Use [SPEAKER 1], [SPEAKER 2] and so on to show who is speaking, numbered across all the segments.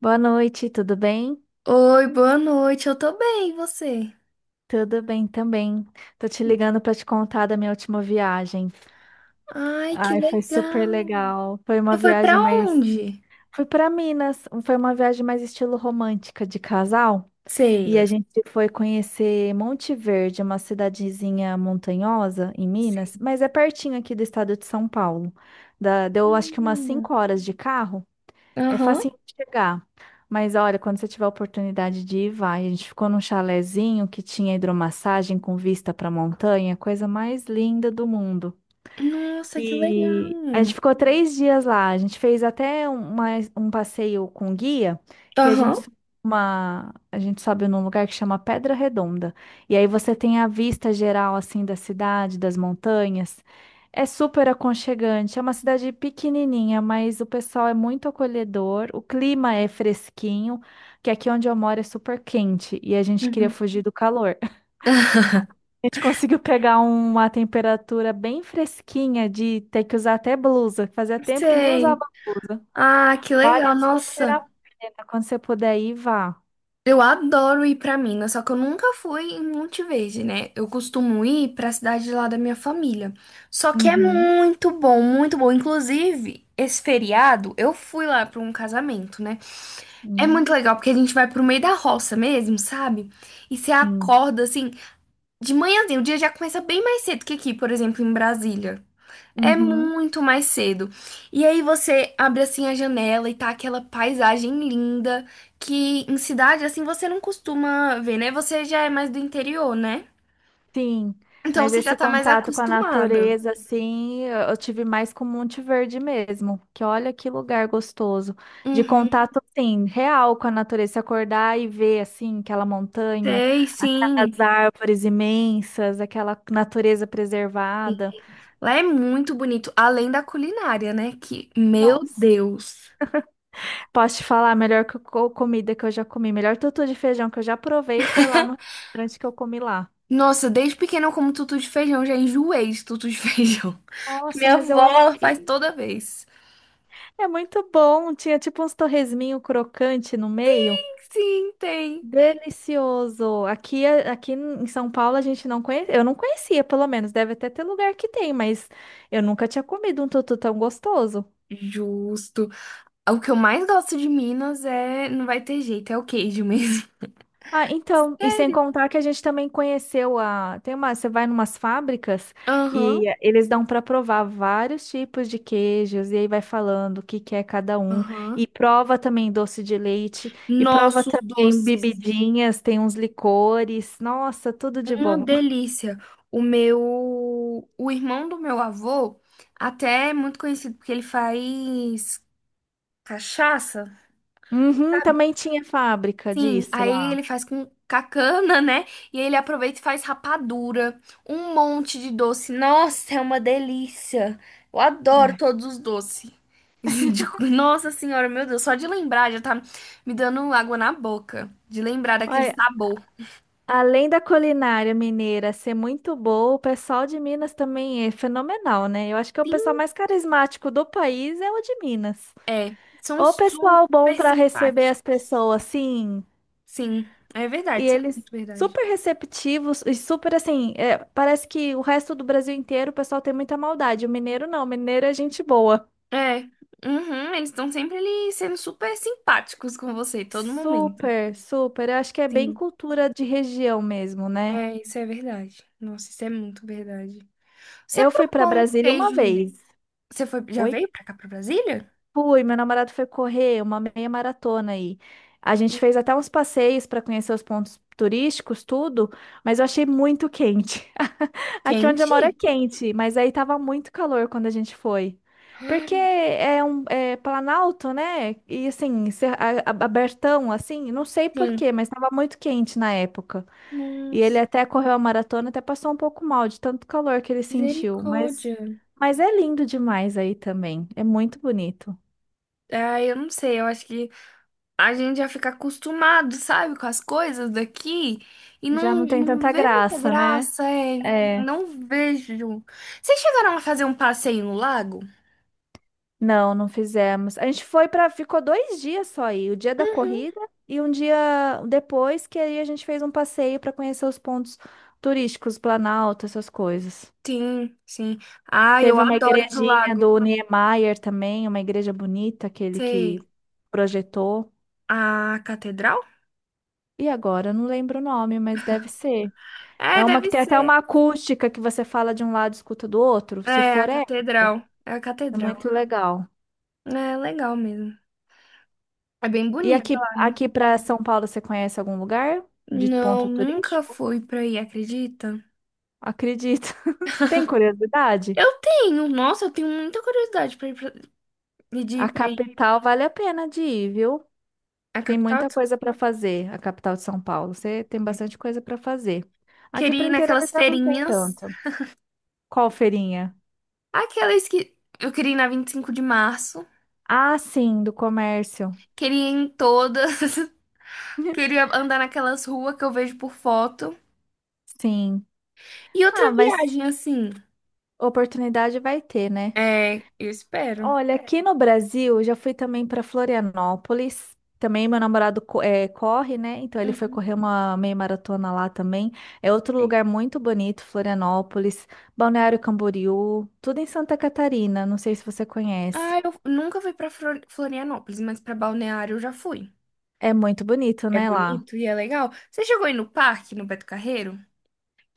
[SPEAKER 1] Boa noite, tudo bem?
[SPEAKER 2] Oi, boa noite. Eu tô bem, e você?
[SPEAKER 1] Tudo bem também. Tô te ligando pra te contar da minha última viagem.
[SPEAKER 2] Ai, que
[SPEAKER 1] Ai, foi super
[SPEAKER 2] legal.
[SPEAKER 1] legal. Foi uma
[SPEAKER 2] Você foi pra
[SPEAKER 1] viagem mais.
[SPEAKER 2] onde?
[SPEAKER 1] Fui pra Minas, foi uma viagem mais estilo romântica de casal. E a
[SPEAKER 2] Sei.
[SPEAKER 1] gente foi conhecer Monte Verde, uma cidadezinha montanhosa em Minas,
[SPEAKER 2] Sei.
[SPEAKER 1] mas é pertinho aqui do estado de São Paulo. Deu acho que umas
[SPEAKER 2] Hum.
[SPEAKER 1] 5 horas de carro. É
[SPEAKER 2] Aham.
[SPEAKER 1] facinho de chegar. Mas olha, quando você tiver a oportunidade de ir, vai. A gente ficou num chalezinho que tinha hidromassagem com vista para a montanha, coisa mais linda do mundo.
[SPEAKER 2] Nossa, que
[SPEAKER 1] E a
[SPEAKER 2] legal.
[SPEAKER 1] gente ficou 3 dias lá. A gente fez até um passeio com guia, que a gente,
[SPEAKER 2] Aham.
[SPEAKER 1] sobe uma, a gente sobe num lugar que chama Pedra Redonda. E aí você tem a vista geral, assim, da cidade, das montanhas. É super aconchegante. É uma cidade pequenininha, mas o pessoal é muito acolhedor. O clima é fresquinho, que aqui onde eu moro é super quente. E a gente queria
[SPEAKER 2] Uhum.
[SPEAKER 1] fugir do calor. A gente conseguiu pegar uma temperatura bem fresquinha de ter que usar até blusa. Fazia tempo que nem
[SPEAKER 2] Sei.
[SPEAKER 1] usava blusa.
[SPEAKER 2] Ah, que
[SPEAKER 1] Vale
[SPEAKER 2] legal.
[SPEAKER 1] super a
[SPEAKER 2] Nossa,
[SPEAKER 1] pena. Quando você puder ir, vá.
[SPEAKER 2] eu adoro ir pra Minas, só que eu nunca fui em Monte Verde, né? Eu costumo ir pra cidade lá da minha família. Só que é
[SPEAKER 1] Uhum.
[SPEAKER 2] muito bom, muito bom. Inclusive, esse feriado eu fui lá pra um casamento, né? É muito
[SPEAKER 1] Hum,
[SPEAKER 2] legal, porque a gente vai pro meio da roça mesmo, sabe? E você
[SPEAKER 1] sim.
[SPEAKER 2] acorda, assim, de manhãzinho. O dia já começa bem mais cedo que aqui, por exemplo, em Brasília. É
[SPEAKER 1] Uhum.
[SPEAKER 2] muito mais cedo. E aí você abre, assim, a janela e tá aquela paisagem linda que em cidade, assim, você não costuma ver, né? Você já é mais do interior, né?
[SPEAKER 1] Sim,
[SPEAKER 2] Então
[SPEAKER 1] mas
[SPEAKER 2] você já
[SPEAKER 1] esse
[SPEAKER 2] tá mais
[SPEAKER 1] contato com a
[SPEAKER 2] acostumada.
[SPEAKER 1] natureza, assim, eu tive mais com Monte Verde mesmo, que olha que lugar gostoso, de
[SPEAKER 2] Uhum.
[SPEAKER 1] contato, assim, real com a natureza. Você acordar e ver, assim, aquela montanha,
[SPEAKER 2] Sei,
[SPEAKER 1] aquelas
[SPEAKER 2] sim.
[SPEAKER 1] árvores imensas, aquela natureza preservada,
[SPEAKER 2] Lá é muito bonito. Além da culinária, né? Que, meu
[SPEAKER 1] nossa,
[SPEAKER 2] Deus.
[SPEAKER 1] posso te falar, a melhor comida que eu já comi, melhor tutu de feijão que eu já provei foi lá no restaurante que eu comi lá.
[SPEAKER 2] Nossa, desde pequena eu como tutu de feijão, já enjoei de tutu de feijão.
[SPEAKER 1] Nossa,
[SPEAKER 2] Minha
[SPEAKER 1] mas eu
[SPEAKER 2] avó faz
[SPEAKER 1] amei.
[SPEAKER 2] toda vez.
[SPEAKER 1] É muito bom. Tinha tipo uns torresminho crocante no meio.
[SPEAKER 2] Sim, tem.
[SPEAKER 1] Delicioso. Aqui, é, aqui em São Paulo a gente não conhece, eu não conhecia, pelo menos. Deve até ter lugar que tem, mas eu nunca tinha comido um tutu tão gostoso.
[SPEAKER 2] Justo. O que eu mais gosto de Minas é. Não vai ter jeito, é o queijo mesmo.
[SPEAKER 1] Ah, então, e sem
[SPEAKER 2] Sério?
[SPEAKER 1] contar que a gente também conheceu a, tem uma, você vai numas fábricas
[SPEAKER 2] Aham,
[SPEAKER 1] e eles dão para provar vários tipos de queijos e aí vai falando o que que é cada um
[SPEAKER 2] aham.
[SPEAKER 1] e prova também doce de leite e prova
[SPEAKER 2] Nossos
[SPEAKER 1] também
[SPEAKER 2] doces.
[SPEAKER 1] bebidinhas, tem uns licores. Nossa, tudo de
[SPEAKER 2] Uma
[SPEAKER 1] bom.
[SPEAKER 2] delícia. O meu. O irmão do meu avô, até é muito conhecido porque ele faz cachaça.
[SPEAKER 1] Uhum, também tinha fábrica
[SPEAKER 2] Sim,
[SPEAKER 1] disso.
[SPEAKER 2] aí ele faz com cacana, né? E aí ele aproveita e faz rapadura, um monte de doce. Nossa, é uma delícia. Eu adoro
[SPEAKER 1] É.
[SPEAKER 2] todos os doces. De- Nossa senhora, meu Deus, só de lembrar já tá me dando água na boca. De lembrar daquele
[SPEAKER 1] Olha,
[SPEAKER 2] sabor.
[SPEAKER 1] além da culinária mineira ser muito boa, o pessoal de Minas também é fenomenal, né? Eu acho que é o
[SPEAKER 2] Sim,
[SPEAKER 1] pessoal mais carismático do país é o de Minas.
[SPEAKER 2] é. São
[SPEAKER 1] O pessoal bom
[SPEAKER 2] super
[SPEAKER 1] para receber
[SPEAKER 2] simpáticos.
[SPEAKER 1] as pessoas, sim,
[SPEAKER 2] Sim, é
[SPEAKER 1] e
[SPEAKER 2] verdade, isso é
[SPEAKER 1] eles
[SPEAKER 2] muito verdade.
[SPEAKER 1] super receptivos e super assim, é, parece que o resto do Brasil inteiro o pessoal tem muita maldade. O mineiro não, o mineiro é gente boa.
[SPEAKER 2] É, uhum, eles estão sempre ali sendo super simpáticos com você, todo momento.
[SPEAKER 1] Super, super. Eu acho que é bem
[SPEAKER 2] Sim.
[SPEAKER 1] cultura de região mesmo, né?
[SPEAKER 2] É, isso é verdade. Nossa, isso é muito verdade. Você
[SPEAKER 1] Eu fui para
[SPEAKER 2] provou um
[SPEAKER 1] Brasília uma
[SPEAKER 2] queijo?
[SPEAKER 1] vez.
[SPEAKER 2] Você foi, já
[SPEAKER 1] Oi?
[SPEAKER 2] veio pra cá, pra Brasília?
[SPEAKER 1] Fui, meu namorado foi correr uma meia maratona aí. A gente fez até uns passeios para conhecer os pontos turísticos, tudo, mas eu achei muito quente. Aqui onde eu moro é
[SPEAKER 2] Quente?
[SPEAKER 1] quente, mas aí tava muito calor quando a gente foi. Porque é Planalto, né? E assim, abertão, assim, não sei por
[SPEAKER 2] Sim.
[SPEAKER 1] quê, mas tava muito quente na época. E ele
[SPEAKER 2] Nossa,
[SPEAKER 1] até correu a maratona, até passou um pouco mal de tanto calor que ele sentiu. Mas,
[SPEAKER 2] misericórdia.
[SPEAKER 1] mas é lindo demais aí também. É muito bonito.
[SPEAKER 2] Ah, eu não sei, eu acho que a gente já fica acostumado, sabe, com as coisas daqui e
[SPEAKER 1] Já
[SPEAKER 2] não,
[SPEAKER 1] não tem
[SPEAKER 2] não
[SPEAKER 1] tanta
[SPEAKER 2] vê muita
[SPEAKER 1] graça, né?
[SPEAKER 2] graça, é.
[SPEAKER 1] É,
[SPEAKER 2] Não vejo. Vocês chegaram a fazer um passeio no lago?
[SPEAKER 1] não, não fizemos. A gente ficou 2 dias só aí, o dia da
[SPEAKER 2] Uhum.
[SPEAKER 1] corrida e um dia depois que aí a gente fez um passeio para conhecer os pontos turísticos, Planalto, essas coisas.
[SPEAKER 2] Sim, sim. Ah, eu
[SPEAKER 1] Teve uma
[SPEAKER 2] adoro ir pro
[SPEAKER 1] igrejinha
[SPEAKER 2] lago.
[SPEAKER 1] do Niemeyer também, uma igreja bonita, aquele que
[SPEAKER 2] Sei.
[SPEAKER 1] projetou.
[SPEAKER 2] A catedral?
[SPEAKER 1] E agora eu não lembro o nome, mas deve ser. É
[SPEAKER 2] É,
[SPEAKER 1] uma que
[SPEAKER 2] deve
[SPEAKER 1] tem até
[SPEAKER 2] ser.
[SPEAKER 1] uma acústica que você fala de um lado e escuta do outro. Se
[SPEAKER 2] É, a
[SPEAKER 1] for, é,
[SPEAKER 2] catedral. É a
[SPEAKER 1] é
[SPEAKER 2] catedral.
[SPEAKER 1] muito legal.
[SPEAKER 2] É legal mesmo. É bem
[SPEAKER 1] E
[SPEAKER 2] bonita
[SPEAKER 1] aqui,
[SPEAKER 2] lá, né?
[SPEAKER 1] aqui para São Paulo, você conhece algum lugar de
[SPEAKER 2] Não,
[SPEAKER 1] ponto
[SPEAKER 2] nunca
[SPEAKER 1] turístico?
[SPEAKER 2] fui pra aí, acredita?
[SPEAKER 1] Acredito. Tem curiosidade?
[SPEAKER 2] Eu tenho, nossa, eu tenho muita curiosidade pra ir pra, de ir
[SPEAKER 1] A
[SPEAKER 2] pra aí.
[SPEAKER 1] capital vale a pena de ir, viu?
[SPEAKER 2] A
[SPEAKER 1] Tem
[SPEAKER 2] capital?
[SPEAKER 1] muita coisa para fazer, a capital de São Paulo. Você tem bastante coisa para fazer. Aqui
[SPEAKER 2] Queria
[SPEAKER 1] para o
[SPEAKER 2] ir
[SPEAKER 1] interior
[SPEAKER 2] naquelas
[SPEAKER 1] já não tem
[SPEAKER 2] feirinhas.
[SPEAKER 1] tanto. Qual feirinha?
[SPEAKER 2] Aquelas que eu queria ir na 25 de março.
[SPEAKER 1] Ah, sim, do comércio.
[SPEAKER 2] Queria ir em todas. Queria andar naquelas ruas que eu vejo por foto.
[SPEAKER 1] Sim.
[SPEAKER 2] E outra
[SPEAKER 1] Ah, mas
[SPEAKER 2] viagem, assim.
[SPEAKER 1] oportunidade vai ter, né?
[SPEAKER 2] É, eu espero.
[SPEAKER 1] Olha, aqui no Brasil, eu já fui também para Florianópolis. Também meu namorado corre, né? Então ele foi
[SPEAKER 2] Uhum.
[SPEAKER 1] correr uma meia maratona lá também. É outro lugar muito bonito, Florianópolis, Balneário Camboriú, tudo em Santa Catarina. Não sei se você conhece.
[SPEAKER 2] Ah, eu nunca fui pra Flor- Florianópolis, mas pra Balneário eu já fui.
[SPEAKER 1] É muito bonito,
[SPEAKER 2] É
[SPEAKER 1] né, lá.
[SPEAKER 2] bonito e é legal. Você chegou aí no parque, no Beto Carreiro?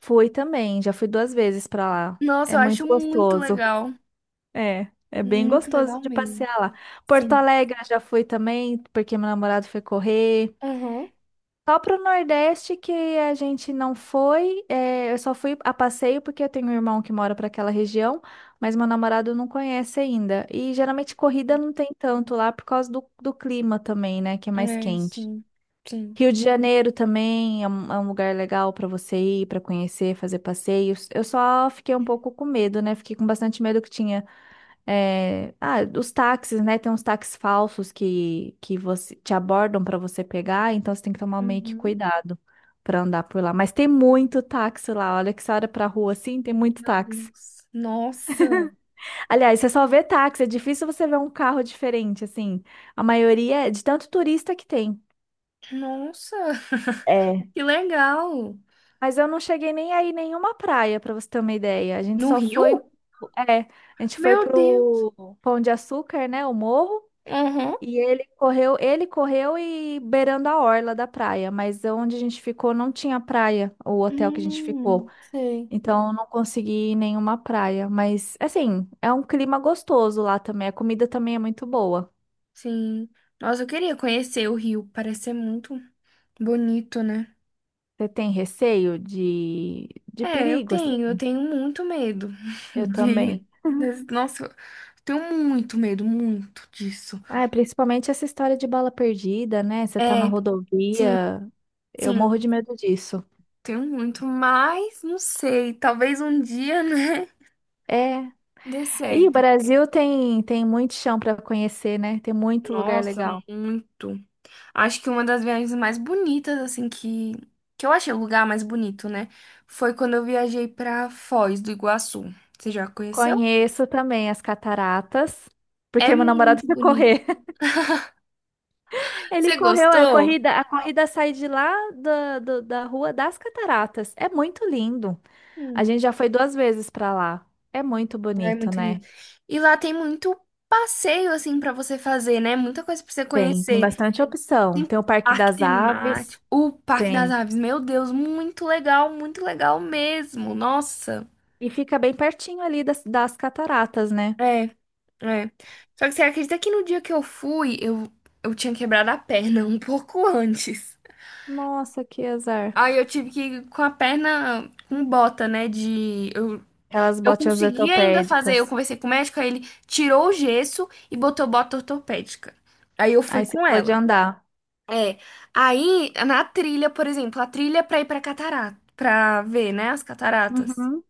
[SPEAKER 1] Fui também, já fui 2 vezes para lá.
[SPEAKER 2] Nossa,
[SPEAKER 1] É
[SPEAKER 2] eu acho
[SPEAKER 1] muito
[SPEAKER 2] muito
[SPEAKER 1] gostoso.
[SPEAKER 2] legal.
[SPEAKER 1] É, é bem
[SPEAKER 2] Muito
[SPEAKER 1] gostoso
[SPEAKER 2] legal
[SPEAKER 1] de
[SPEAKER 2] mesmo.
[SPEAKER 1] passear lá. Porto
[SPEAKER 2] Sim.
[SPEAKER 1] Alegre eu já fui também, porque meu namorado foi correr.
[SPEAKER 2] Aham.
[SPEAKER 1] Só pro Nordeste que a gente não foi. É, eu só fui a passeio porque eu tenho um irmão que mora para aquela região, mas meu namorado não conhece ainda. E geralmente corrida não tem tanto lá por causa do clima também, né? Que é mais
[SPEAKER 2] É,
[SPEAKER 1] quente.
[SPEAKER 2] sim. Sim.
[SPEAKER 1] Rio de Janeiro também é um lugar legal para você ir, para conhecer, fazer passeios. Eu só fiquei um pouco com medo, né? Fiquei com bastante medo que tinha. É, ah, os táxis, né? Tem uns táxis falsos que você te abordam para você pegar, então você tem que tomar meio que
[SPEAKER 2] Uhum.
[SPEAKER 1] cuidado para andar por lá. Mas tem muito táxi lá. Olha que você olha pra rua assim, tem muito
[SPEAKER 2] Meu
[SPEAKER 1] táxi.
[SPEAKER 2] Deus. Nossa.
[SPEAKER 1] Aliás, você só vê táxi, é difícil você ver um carro diferente, assim. A maioria é de tanto turista que tem.
[SPEAKER 2] Nossa.
[SPEAKER 1] É.
[SPEAKER 2] Que legal.
[SPEAKER 1] Mas eu não cheguei nem aí nenhuma praia, para você ter uma ideia. A gente
[SPEAKER 2] No
[SPEAKER 1] só foi,
[SPEAKER 2] Rio?
[SPEAKER 1] é, a gente foi
[SPEAKER 2] Meu Deus.
[SPEAKER 1] pro Pão de Açúcar, né, o morro.
[SPEAKER 2] Aham.
[SPEAKER 1] E ele correu e beirando a orla da praia, mas onde a gente ficou não tinha praia, o hotel que a gente ficou.
[SPEAKER 2] Sei.
[SPEAKER 1] Então eu não consegui ir nenhuma praia, mas assim, é um clima gostoso lá também, a comida também é muito boa.
[SPEAKER 2] Sim. Nossa, eu queria conhecer o Rio. Parece ser muito bonito, né?
[SPEAKER 1] Você tem receio de
[SPEAKER 2] É,
[SPEAKER 1] perigo, assim?
[SPEAKER 2] eu tenho muito medo
[SPEAKER 1] Eu
[SPEAKER 2] de.
[SPEAKER 1] também.
[SPEAKER 2] Des- Nossa, eu tenho muito medo, muito disso.
[SPEAKER 1] Ah, é, principalmente essa história de bala perdida, né? Você tá na
[SPEAKER 2] É, sim,
[SPEAKER 1] rodovia, eu
[SPEAKER 2] sim,
[SPEAKER 1] morro de medo disso.
[SPEAKER 2] tenho muito, mas não sei, talvez um dia, né,
[SPEAKER 1] É.
[SPEAKER 2] dê
[SPEAKER 1] E o
[SPEAKER 2] certo.
[SPEAKER 1] Brasil tem muito chão para conhecer, né? Tem muito lugar
[SPEAKER 2] Nossa,
[SPEAKER 1] legal.
[SPEAKER 2] muito. Acho que uma das viagens mais bonitas, assim, que eu achei o lugar mais bonito, né, foi quando eu viajei pra Foz do Iguaçu. Você já conheceu?
[SPEAKER 1] Conheço também as cataratas,
[SPEAKER 2] É
[SPEAKER 1] porque meu namorado
[SPEAKER 2] muito
[SPEAKER 1] foi
[SPEAKER 2] bonito.
[SPEAKER 1] correr. Ele
[SPEAKER 2] Você
[SPEAKER 1] correu,
[SPEAKER 2] gostou?
[SPEAKER 1] a corrida sai de lá da Rua das Cataratas. É muito lindo. A gente já foi 2 vezes para lá. É muito
[SPEAKER 2] É
[SPEAKER 1] bonito,
[SPEAKER 2] muito lindo.
[SPEAKER 1] né?
[SPEAKER 2] E lá tem muito passeio assim pra você fazer, né? Muita coisa pra você
[SPEAKER 1] Tem
[SPEAKER 2] conhecer.
[SPEAKER 1] bastante opção.
[SPEAKER 2] Tem
[SPEAKER 1] Tem o Parque
[SPEAKER 2] parque
[SPEAKER 1] das Aves,
[SPEAKER 2] temático, o Parque das
[SPEAKER 1] tem.
[SPEAKER 2] Aves. Meu Deus, muito legal mesmo. Nossa.
[SPEAKER 1] E fica bem pertinho ali das cataratas, né?
[SPEAKER 2] É, é. Só que você acredita que no dia que eu fui, eu tinha quebrado a perna um pouco antes.
[SPEAKER 1] Nossa, que azar.
[SPEAKER 2] Aí eu tive que ir com a perna com bota, né? De eu
[SPEAKER 1] Aquelas
[SPEAKER 2] Eu
[SPEAKER 1] botinhas
[SPEAKER 2] consegui ainda fazer, eu
[SPEAKER 1] ortopédicas.
[SPEAKER 2] conversei com o médico, aí ele tirou o gesso e botou bota ortopédica. Aí eu fui
[SPEAKER 1] Aí você
[SPEAKER 2] com
[SPEAKER 1] pode
[SPEAKER 2] ela.
[SPEAKER 1] andar.
[SPEAKER 2] É. Aí, na trilha, por exemplo, a trilha é pra ir pra catarata, pra ver, né, as cataratas.
[SPEAKER 1] Uhum,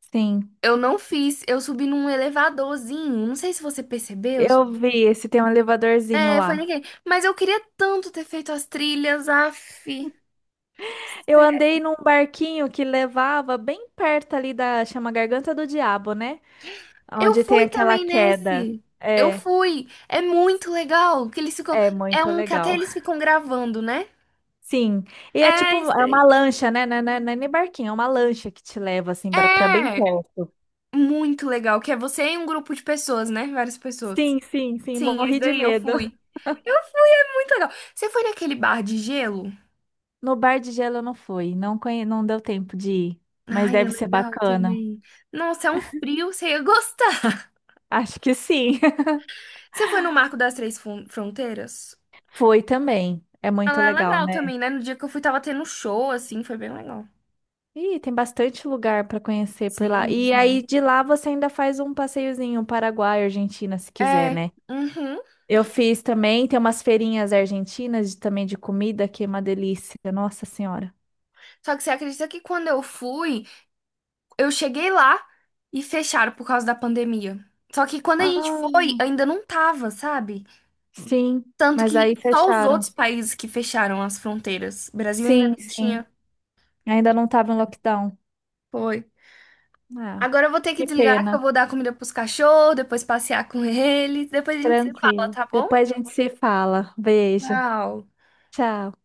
[SPEAKER 1] sim.
[SPEAKER 2] Eu não fiz, eu subi num elevadorzinho, não sei se você percebeu.
[SPEAKER 1] Eu vi esse tem um elevadorzinho
[SPEAKER 2] É, foi
[SPEAKER 1] lá.
[SPEAKER 2] ninguém. Mas eu queria tanto ter feito as trilhas, af.
[SPEAKER 1] Eu
[SPEAKER 2] Sério.
[SPEAKER 1] andei num barquinho que levava bem perto ali da, chama Garganta do Diabo, né?
[SPEAKER 2] Eu
[SPEAKER 1] Onde tem
[SPEAKER 2] fui
[SPEAKER 1] aquela
[SPEAKER 2] também
[SPEAKER 1] queda.
[SPEAKER 2] nesse. Eu
[SPEAKER 1] É,
[SPEAKER 2] fui. É muito legal que eles ficam.
[SPEAKER 1] é
[SPEAKER 2] É
[SPEAKER 1] muito
[SPEAKER 2] um que até
[SPEAKER 1] legal.
[SPEAKER 2] eles ficam gravando, né?
[SPEAKER 1] Sim, e é
[SPEAKER 2] É,
[SPEAKER 1] tipo,
[SPEAKER 2] isso
[SPEAKER 1] é uma
[SPEAKER 2] aí.
[SPEAKER 1] lancha, né? Não é nem barquinho, é uma lancha que te leva assim pra bem
[SPEAKER 2] É
[SPEAKER 1] perto.
[SPEAKER 2] muito legal, que é você e um grupo de pessoas, né? Várias pessoas.
[SPEAKER 1] Sim, sim, sim,
[SPEAKER 2] Sim, esse
[SPEAKER 1] morri de
[SPEAKER 2] daí eu
[SPEAKER 1] medo.
[SPEAKER 2] fui. Eu fui, é muito legal. Você foi naquele bar de gelo?
[SPEAKER 1] No bar de gelo eu não fui, não deu tempo de ir, mas
[SPEAKER 2] Ai, é
[SPEAKER 1] deve ser
[SPEAKER 2] legal
[SPEAKER 1] bacana.
[SPEAKER 2] também. Nossa, é um frio, você ia gostar.
[SPEAKER 1] Acho que sim.
[SPEAKER 2] Você foi no Marco das Três Fron- Fronteiras?
[SPEAKER 1] Foi também. É muito
[SPEAKER 2] Ela é
[SPEAKER 1] legal,
[SPEAKER 2] legal
[SPEAKER 1] né?
[SPEAKER 2] também, né? No dia que eu fui, tava tendo um show, assim, foi bem legal.
[SPEAKER 1] Ih, tem bastante lugar para conhecer por lá.
[SPEAKER 2] Sim,
[SPEAKER 1] E
[SPEAKER 2] demais.
[SPEAKER 1] aí de lá você ainda faz um passeiozinho Paraguai, Argentina, se quiser,
[SPEAKER 2] É,
[SPEAKER 1] né?
[SPEAKER 2] uhum.
[SPEAKER 1] Eu fiz também, tem umas feirinhas argentinas também de comida, que é uma delícia. Nossa Senhora.
[SPEAKER 2] Só que você acredita que quando eu fui, eu cheguei lá e fecharam por causa da pandemia. Só que quando a gente foi,
[SPEAKER 1] Ah,
[SPEAKER 2] ainda não tava, sabe?
[SPEAKER 1] sim,
[SPEAKER 2] Tanto
[SPEAKER 1] mas
[SPEAKER 2] que
[SPEAKER 1] aí
[SPEAKER 2] só os
[SPEAKER 1] fecharam.
[SPEAKER 2] outros países que fecharam as fronteiras. O Brasil ainda
[SPEAKER 1] Sim,
[SPEAKER 2] não
[SPEAKER 1] sim.
[SPEAKER 2] tinha.
[SPEAKER 1] Ainda não estava em lockdown.
[SPEAKER 2] Foi.
[SPEAKER 1] Ah,
[SPEAKER 2] Agora eu vou ter que
[SPEAKER 1] que
[SPEAKER 2] desligar, que eu
[SPEAKER 1] pena.
[SPEAKER 2] vou dar comida pros cachorros, depois passear com eles. Depois a gente se fala,
[SPEAKER 1] Tranquilo.
[SPEAKER 2] tá bom?
[SPEAKER 1] Depois a gente se fala. Beijo.
[SPEAKER 2] Tchau.
[SPEAKER 1] Tchau.